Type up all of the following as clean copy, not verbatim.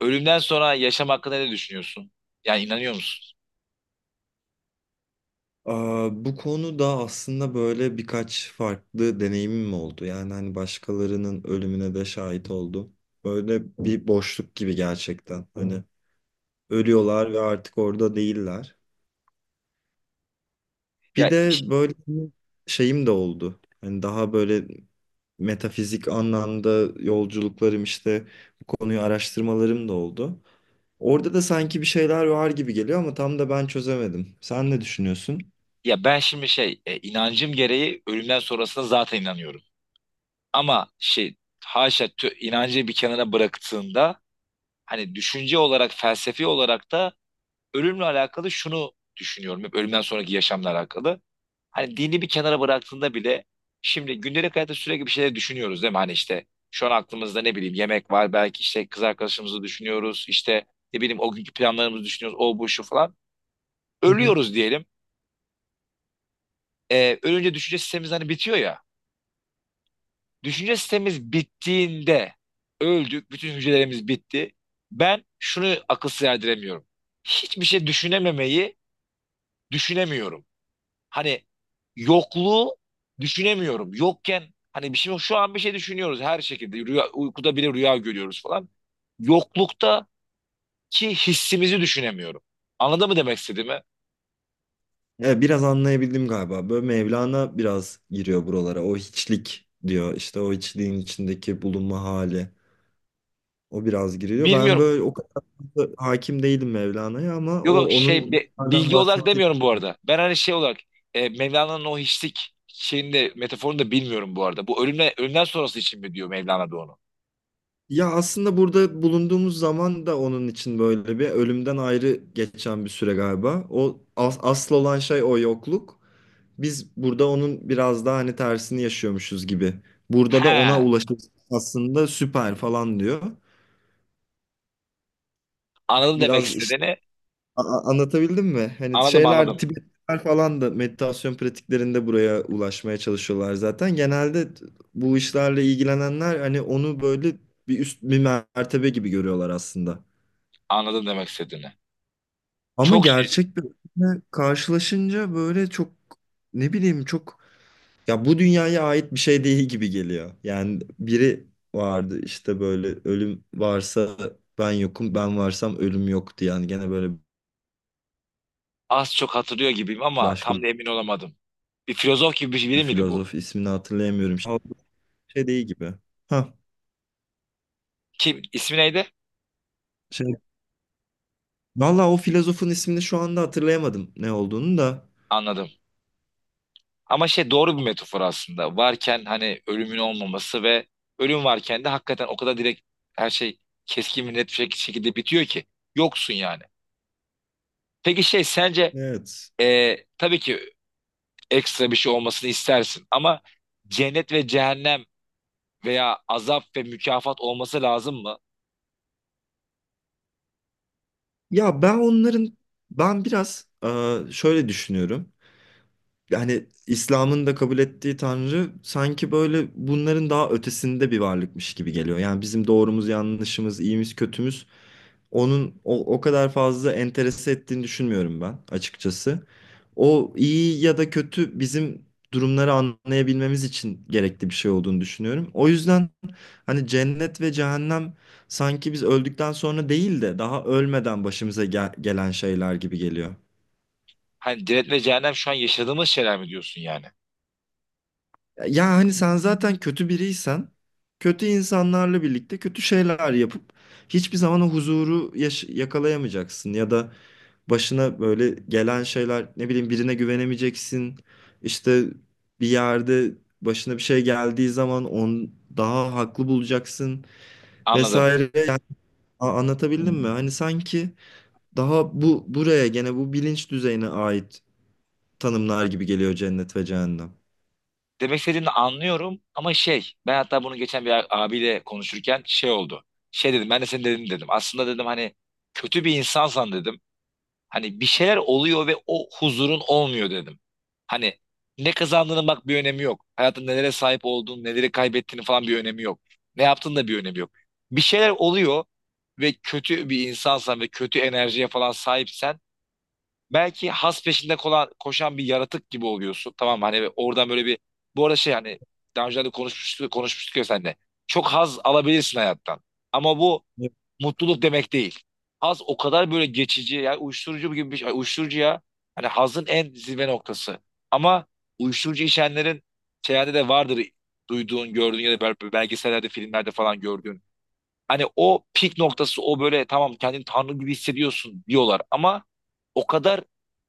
Ölümden sonra yaşam hakkında ne düşünüyorsun? Yani inanıyor musun? Aa, bu konuda aslında böyle birkaç farklı deneyimim oldu. Yani hani başkalarının ölümüne de şahit oldum. Böyle bir boşluk gibi gerçekten. Hani ölüyorlar ve artık orada değiller. Ya Bir de böyle bir şeyim de oldu. Hani daha böyle metafizik anlamda yolculuklarım işte bu konuyu araştırmalarım da oldu. Orada da sanki bir şeyler var gibi geliyor ama tam da ben çözemedim. Sen ne düşünüyorsun? ya, ben şimdi inancım gereği ölümden sonrasına zaten inanıyorum. Ama şey, haşa inancı bir kenara bıraktığında hani düşünce olarak, felsefi olarak da ölümle alakalı şunu düşünüyorum. Hep ölümden sonraki yaşamla alakalı. Hani dini bir kenara bıraktığında bile şimdi gündelik hayatta sürekli bir şeyler düşünüyoruz değil mi? Hani işte şu an aklımızda ne bileyim yemek var, belki işte kız arkadaşımızı düşünüyoruz, işte ne bileyim o günkü planlarımızı düşünüyoruz, o bu şu falan. Ölüyoruz diyelim. Ölünce düşünce sistemimiz hani bitiyor ya. Düşünce sistemimiz bittiğinde öldük, bütün hücrelerimiz bitti. Ben şunu akıl erdiremiyorum. Hiçbir şey düşünememeyi düşünemiyorum. Hani yokluğu düşünemiyorum. Yokken hani bir şey yok. Şu an bir şey düşünüyoruz her şekilde. Rüya, uykuda bile rüya görüyoruz falan. Yokluktaki hissimizi düşünemiyorum. Anladın mı demek istediğimi? Evet, biraz anlayabildim galiba. Böyle Mevlana biraz giriyor buralara. O hiçlik diyor. İşte o hiçliğin içindeki bulunma hali. O biraz giriyor. Ben Bilmiyorum. böyle o kadar da hakim değilim Mevlana'ya ama Yok o yok, onun bunlardan bilgi olarak bahsettiği. demiyorum bu arada. Ben hani şey olarak, Mevlana'nın o hiçlik şeyinde metaforunu da bilmiyorum bu arada. Bu ölümle, ölümden sonrası için mi diyor Mevlana da onu? Ya aslında burada bulunduğumuz zaman da onun için böyle bir ölümden ayrı geçen bir süre galiba. O asıl olan şey o yokluk. Biz burada onun biraz daha hani tersini yaşıyormuşuz gibi. Burada da ona He. ulaşıp aslında süper falan diyor. Anladım demek Biraz işte. istediğini. Anlatabildim mi? Hani Anladım şeyler anladım. Tibetliler falan da meditasyon pratiklerinde buraya ulaşmaya çalışıyorlar zaten. Genelde bu işlerle ilgilenenler hani onu böyle bir üst bir mertebe gibi görüyorlar aslında. Anladım demek istediğini. Ama Çok şey, gerçek bir öğütle karşılaşınca böyle çok ne bileyim çok, ya bu dünyaya ait bir şey değil gibi geliyor. Yani biri vardı işte böyle ölüm varsa ben yokum, ben varsam ölüm yok diye. Yani gene böyle az çok hatırlıyor gibiyim ama başka tam da emin olamadım. Bir filozof gibi bir bir biri miydi bu? filozof, ismini hatırlayamıyorum. Şey değil gibi. Ha, Kim? İsmi neydi? şey. Valla o filozofun ismini şu anda hatırlayamadım, ne olduğunu da. Anladım. Ama şey, doğru bir metafor aslında. Varken hani ölümün olmaması, ve ölüm varken de hakikaten o kadar direkt her şey keskin ve net bir şekilde bitiyor ki. Yoksun yani. Peki şey, sence Evet. Tabii ki ekstra bir şey olmasını istersin, ama cennet ve cehennem veya azap ve mükafat olması lazım mı? Ya ben onların, ben biraz şöyle düşünüyorum. Yani İslam'ın da kabul ettiği Tanrı sanki böyle bunların daha ötesinde bir varlıkmış gibi geliyor. Yani bizim doğrumuz, yanlışımız, iyimiz, kötümüz onun o kadar fazla enterese ettiğini düşünmüyorum ben açıkçası. O iyi ya da kötü bizim durumları anlayabilmemiz için gerekli bir şey olduğunu düşünüyorum. O yüzden hani cennet ve cehennem sanki biz öldükten sonra değil de daha ölmeden başımıza gelen şeyler gibi geliyor. Hani cennet ve cehennem şu an yaşadığımız şeyler mi diyorsun yani? Ya hani sen zaten kötü biriysen, kötü insanlarla birlikte kötü şeyler yapıp hiçbir zaman o huzuru yakalayamayacaksın ya da başına böyle gelen şeyler, ne bileyim, birine güvenemeyeceksin. İşte bir yerde başına bir şey geldiği zaman onu daha haklı bulacaksın Anladım. vesaire. Yani anlatabildim mi? Hani sanki daha buraya gene bu bilinç düzeyine ait tanımlar gibi geliyor cennet ve cehennem. Demek istediğini anlıyorum, ama şey, ben hatta bunu geçen abiyle konuşurken şey oldu. Şey dedim, ben de senin dediğini dedim. Aslında dedim hani kötü bir insansan dedim. Hani bir şeyler oluyor ve o huzurun olmuyor dedim. Hani ne kazandığının bak bir önemi yok. Hayatın nelere sahip olduğun, neleri kaybettiğini falan bir önemi yok. Ne yaptığın da bir önemi yok. Bir şeyler oluyor ve kötü bir insansan ve kötü enerjiye falan sahipsen, belki has peşinde kolan, koşan bir yaratık gibi oluyorsun. Tamam mı? Hani oradan böyle bir, bu arada şey hani daha önce de konuşmuştuk ya seninle. Çok haz alabilirsin hayattan. Ama bu mutluluk demek değil. Haz o kadar böyle geçici, yani uyuşturucu gibi bir şey. Uyuşturucu ya. Hani hazın en zirve noktası. Ama uyuşturucu içenlerin şeylerde de vardır, duyduğun, gördüğün ya da belgesellerde, filmlerde falan gördüğün. Hani o pik noktası, o böyle tamam kendini tanrı gibi hissediyorsun diyorlar ama o kadar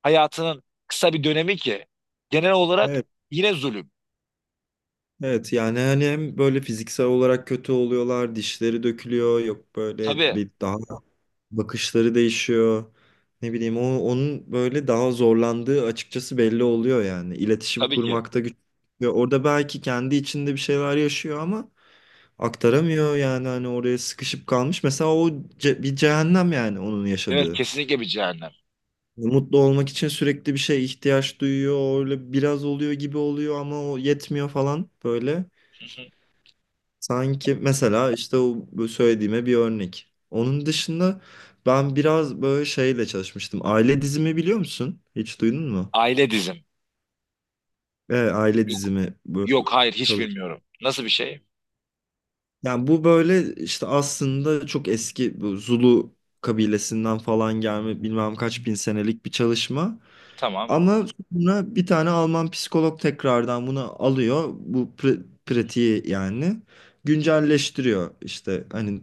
hayatının kısa bir dönemi ki genel olarak yine zulüm. Evet yani hani hem böyle fiziksel olarak kötü oluyorlar, dişleri dökülüyor, yok böyle Tabii, bir daha bakışları değişiyor. Ne bileyim o, onun böyle daha zorlandığı açıkçası belli oluyor yani. İletişim tabii ki. kurmakta güç. Ve orada belki kendi içinde bir şeyler yaşıyor ama aktaramıyor, yani hani oraya sıkışıp kalmış. Mesela o bir cehennem yani onun Evet, yaşadığı. kesinlikle bir cehennem. Mutlu olmak için sürekli bir şeye ihtiyaç duyuyor. Öyle biraz oluyor gibi oluyor ama o yetmiyor falan böyle. Hı hı. Sanki mesela işte o bu söylediğime bir örnek. Onun dışında ben biraz böyle şeyle çalışmıştım. Aile dizimi biliyor musun? Hiç duydun mu? Aile dizim. Evet, aile dizimi böyle Yok, hayır, hiç çalış. bilmiyorum. Nasıl bir şey? Yani bu böyle işte aslında çok eski, bu Zulu kabilesinden falan gelme bilmem kaç bin senelik bir çalışma. Tamam, Ama sonra bir tane Alman psikolog tekrardan bunu alıyor. Bu pratiği yani güncelleştiriyor. İşte hani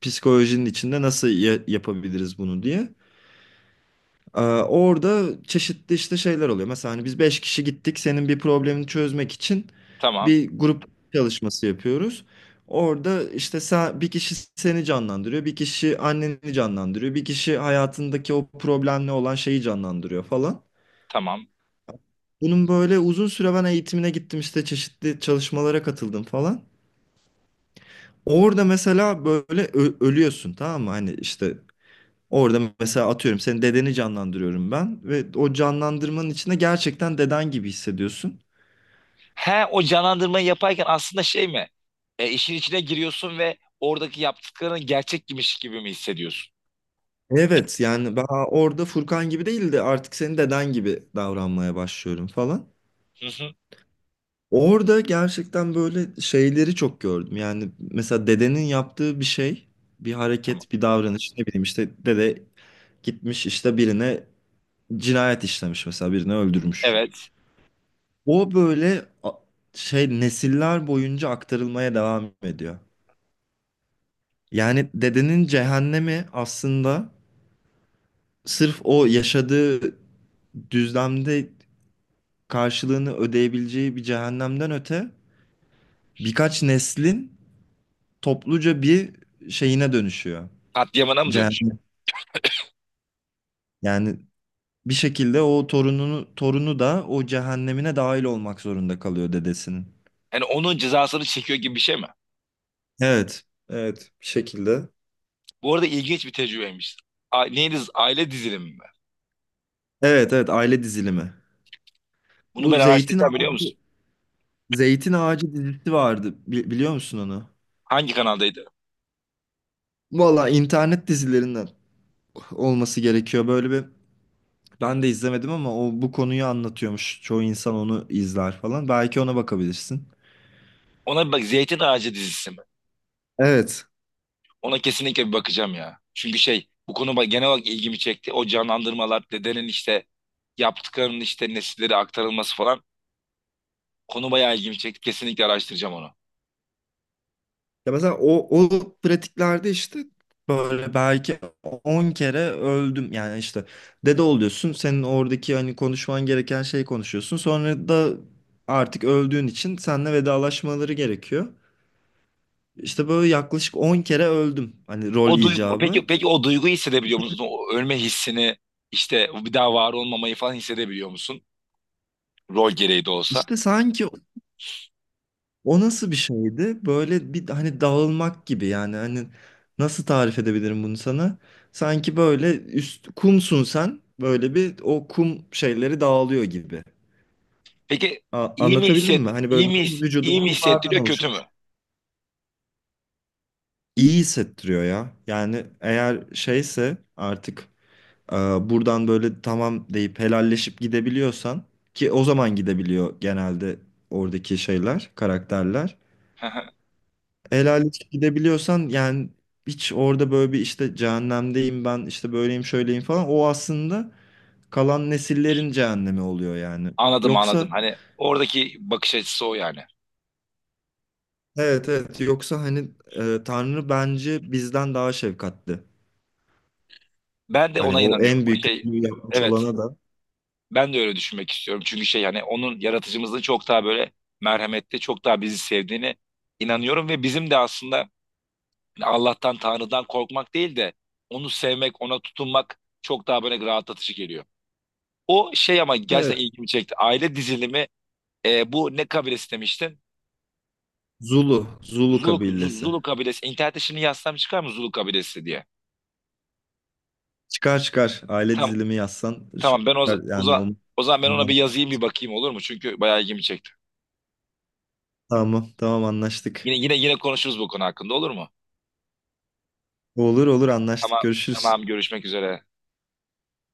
psikolojinin içinde nasıl yapabiliriz bunu diye. Orada çeşitli işte şeyler oluyor. Mesela hani biz 5 kişi gittik senin bir problemini çözmek için, tamam, bir grup çalışması yapıyoruz. Orada işte sen, bir kişi seni canlandırıyor, bir kişi anneni canlandırıyor, bir kişi hayatındaki o problemle olan şeyi canlandırıyor falan. tamam. Bunun böyle uzun süre ben eğitimine gittim, işte çeşitli çalışmalara katıldım falan. Orada mesela böyle ölüyorsun tamam mı? Hani işte orada mesela atıyorum senin dedeni canlandırıyorum ben ve o canlandırmanın içinde gerçekten deden gibi hissediyorsun. He, o canlandırmayı yaparken aslında şey mi? E, işin içine giriyorsun ve oradaki yaptıkların gerçekmiş gibi mi hissediyorsun? Evet yani ben orada Furkan gibi değil de artık senin deden gibi davranmaya başlıyorum falan. Hı hı. Orada gerçekten böyle şeyleri çok gördüm. Yani mesela dedenin yaptığı bir şey, bir Tamam. hareket, bir davranış, ne bileyim işte dede gitmiş işte birine cinayet işlemiş, mesela birini öldürmüş. Evet. O böyle şey nesiller boyunca aktarılmaya devam ediyor. Yani dedenin cehennemi aslında sırf o yaşadığı düzlemde karşılığını ödeyebileceği bir cehennemden öte, birkaç neslin topluca bir şeyine dönüşüyor. Katliamına mı dönüş? Cehennem. Yani bir şekilde o torunu da o cehennemine dahil olmak zorunda kalıyor dedesinin. Yani onun cezasını çekiyor gibi bir şey mi? Evet, evet, bir şekilde. Bu arada ilginç bir tecrübeymiş. A, neydi? Aile dizilimi mi? Evet evet, aile dizilimi. Bunu Bu ben Zeytin araştıracağım, biliyor Ağacı, musun? Zeytin Ağacı dizisi vardı. Biliyor musun onu? Hangi kanaldaydı? Valla internet dizilerinden olması gerekiyor. Böyle bir, ben de izlemedim ama o bu konuyu anlatıyormuş. Çoğu insan onu izler falan. Belki ona bakabilirsin. Ona bir bak, Zeytin Ağacı dizisi mi? Evet. Ona kesinlikle bir bakacağım ya. Çünkü şey, bu konu genel olarak ilgimi çekti. O canlandırmalar, dedenin işte yaptıklarının işte nesillere aktarılması falan, konu bayağı ilgimi çekti. Kesinlikle araştıracağım onu. Ya mesela o pratiklerde işte böyle belki 10 kere öldüm. Yani işte dede oluyorsun. Senin oradaki hani konuşman gereken şeyi konuşuyorsun. Sonra da artık öldüğün için seninle vedalaşmaları gerekiyor. İşte böyle yaklaşık 10 kere öldüm. Hani rol O duygu, peki icabı. peki o duyguyu hissedebiliyor musun? O ölme hissini, işte bir daha var olmamayı falan hissedebiliyor musun? Rol gereği de olsa. İşte sanki o nasıl bir şeydi? Böyle bir hani dağılmak gibi, yani hani nasıl tarif edebilirim bunu sana? Sanki böyle üst kumsun sen. Böyle bir o kum şeyleri dağılıyor gibi. Peki A- iyi mi anlatabildim hisset, mi? Hani iyi böyle mi, bütün vücudun iyi mi kumlardan hissettiriyor, kötü oluşuyor. mü? İyi hissettiriyor ya. Yani eğer şeyse artık Ee, buradan böyle tamam deyip helalleşip gidebiliyorsan, ki o zaman gidebiliyor genelde oradaki şeyler, karakterler. Helalleşip gidebiliyorsan, yani hiç orada böyle bir işte cehennemdeyim ben, işte böyleyim şöyleyim falan, o aslında kalan nesillerin cehennemi oluyor yani. Anladım, anladım. Yoksa, Hani oradaki bakış açısı o yani. evet evet, yoksa hani Tanrı bence bizden daha şefkatli. Ben de Hani ona o inanıyorum. en O büyük şey, kötülüğü yapmış evet. olana da Ben de öyle düşünmek istiyorum. Çünkü şey, yani onun, yaratıcımızın çok daha böyle merhametli, çok daha bizi sevdiğini inanıyorum ve bizim de aslında yani Allah'tan, Tanrı'dan korkmak değil de onu sevmek, ona tutunmak çok daha böyle rahatlatıcı geliyor. O şey, ama evet. gerçekten ilgimi çekti. Aile dizilimi, bu ne kabilesi demiştin? Zulu Zulu, kabilesi. Zulu kabilesi. İnternette şimdi yazsam çıkar mı Zulu kabilesi diye? Çıkar çıkar. Aile Tamam, dizilimi yazsan tamam, şu ben çıkar. Yani o, o zaman ben ona bir tamam yazayım, bir bakayım, olur mu? Çünkü bayağı ilgimi çekti. tamam tamam, anlaştık. Yine konuşuruz bu konu hakkında, olur mu? Olur olur, Tamam, anlaştık. Görüşürüz. tamam, görüşmek üzere.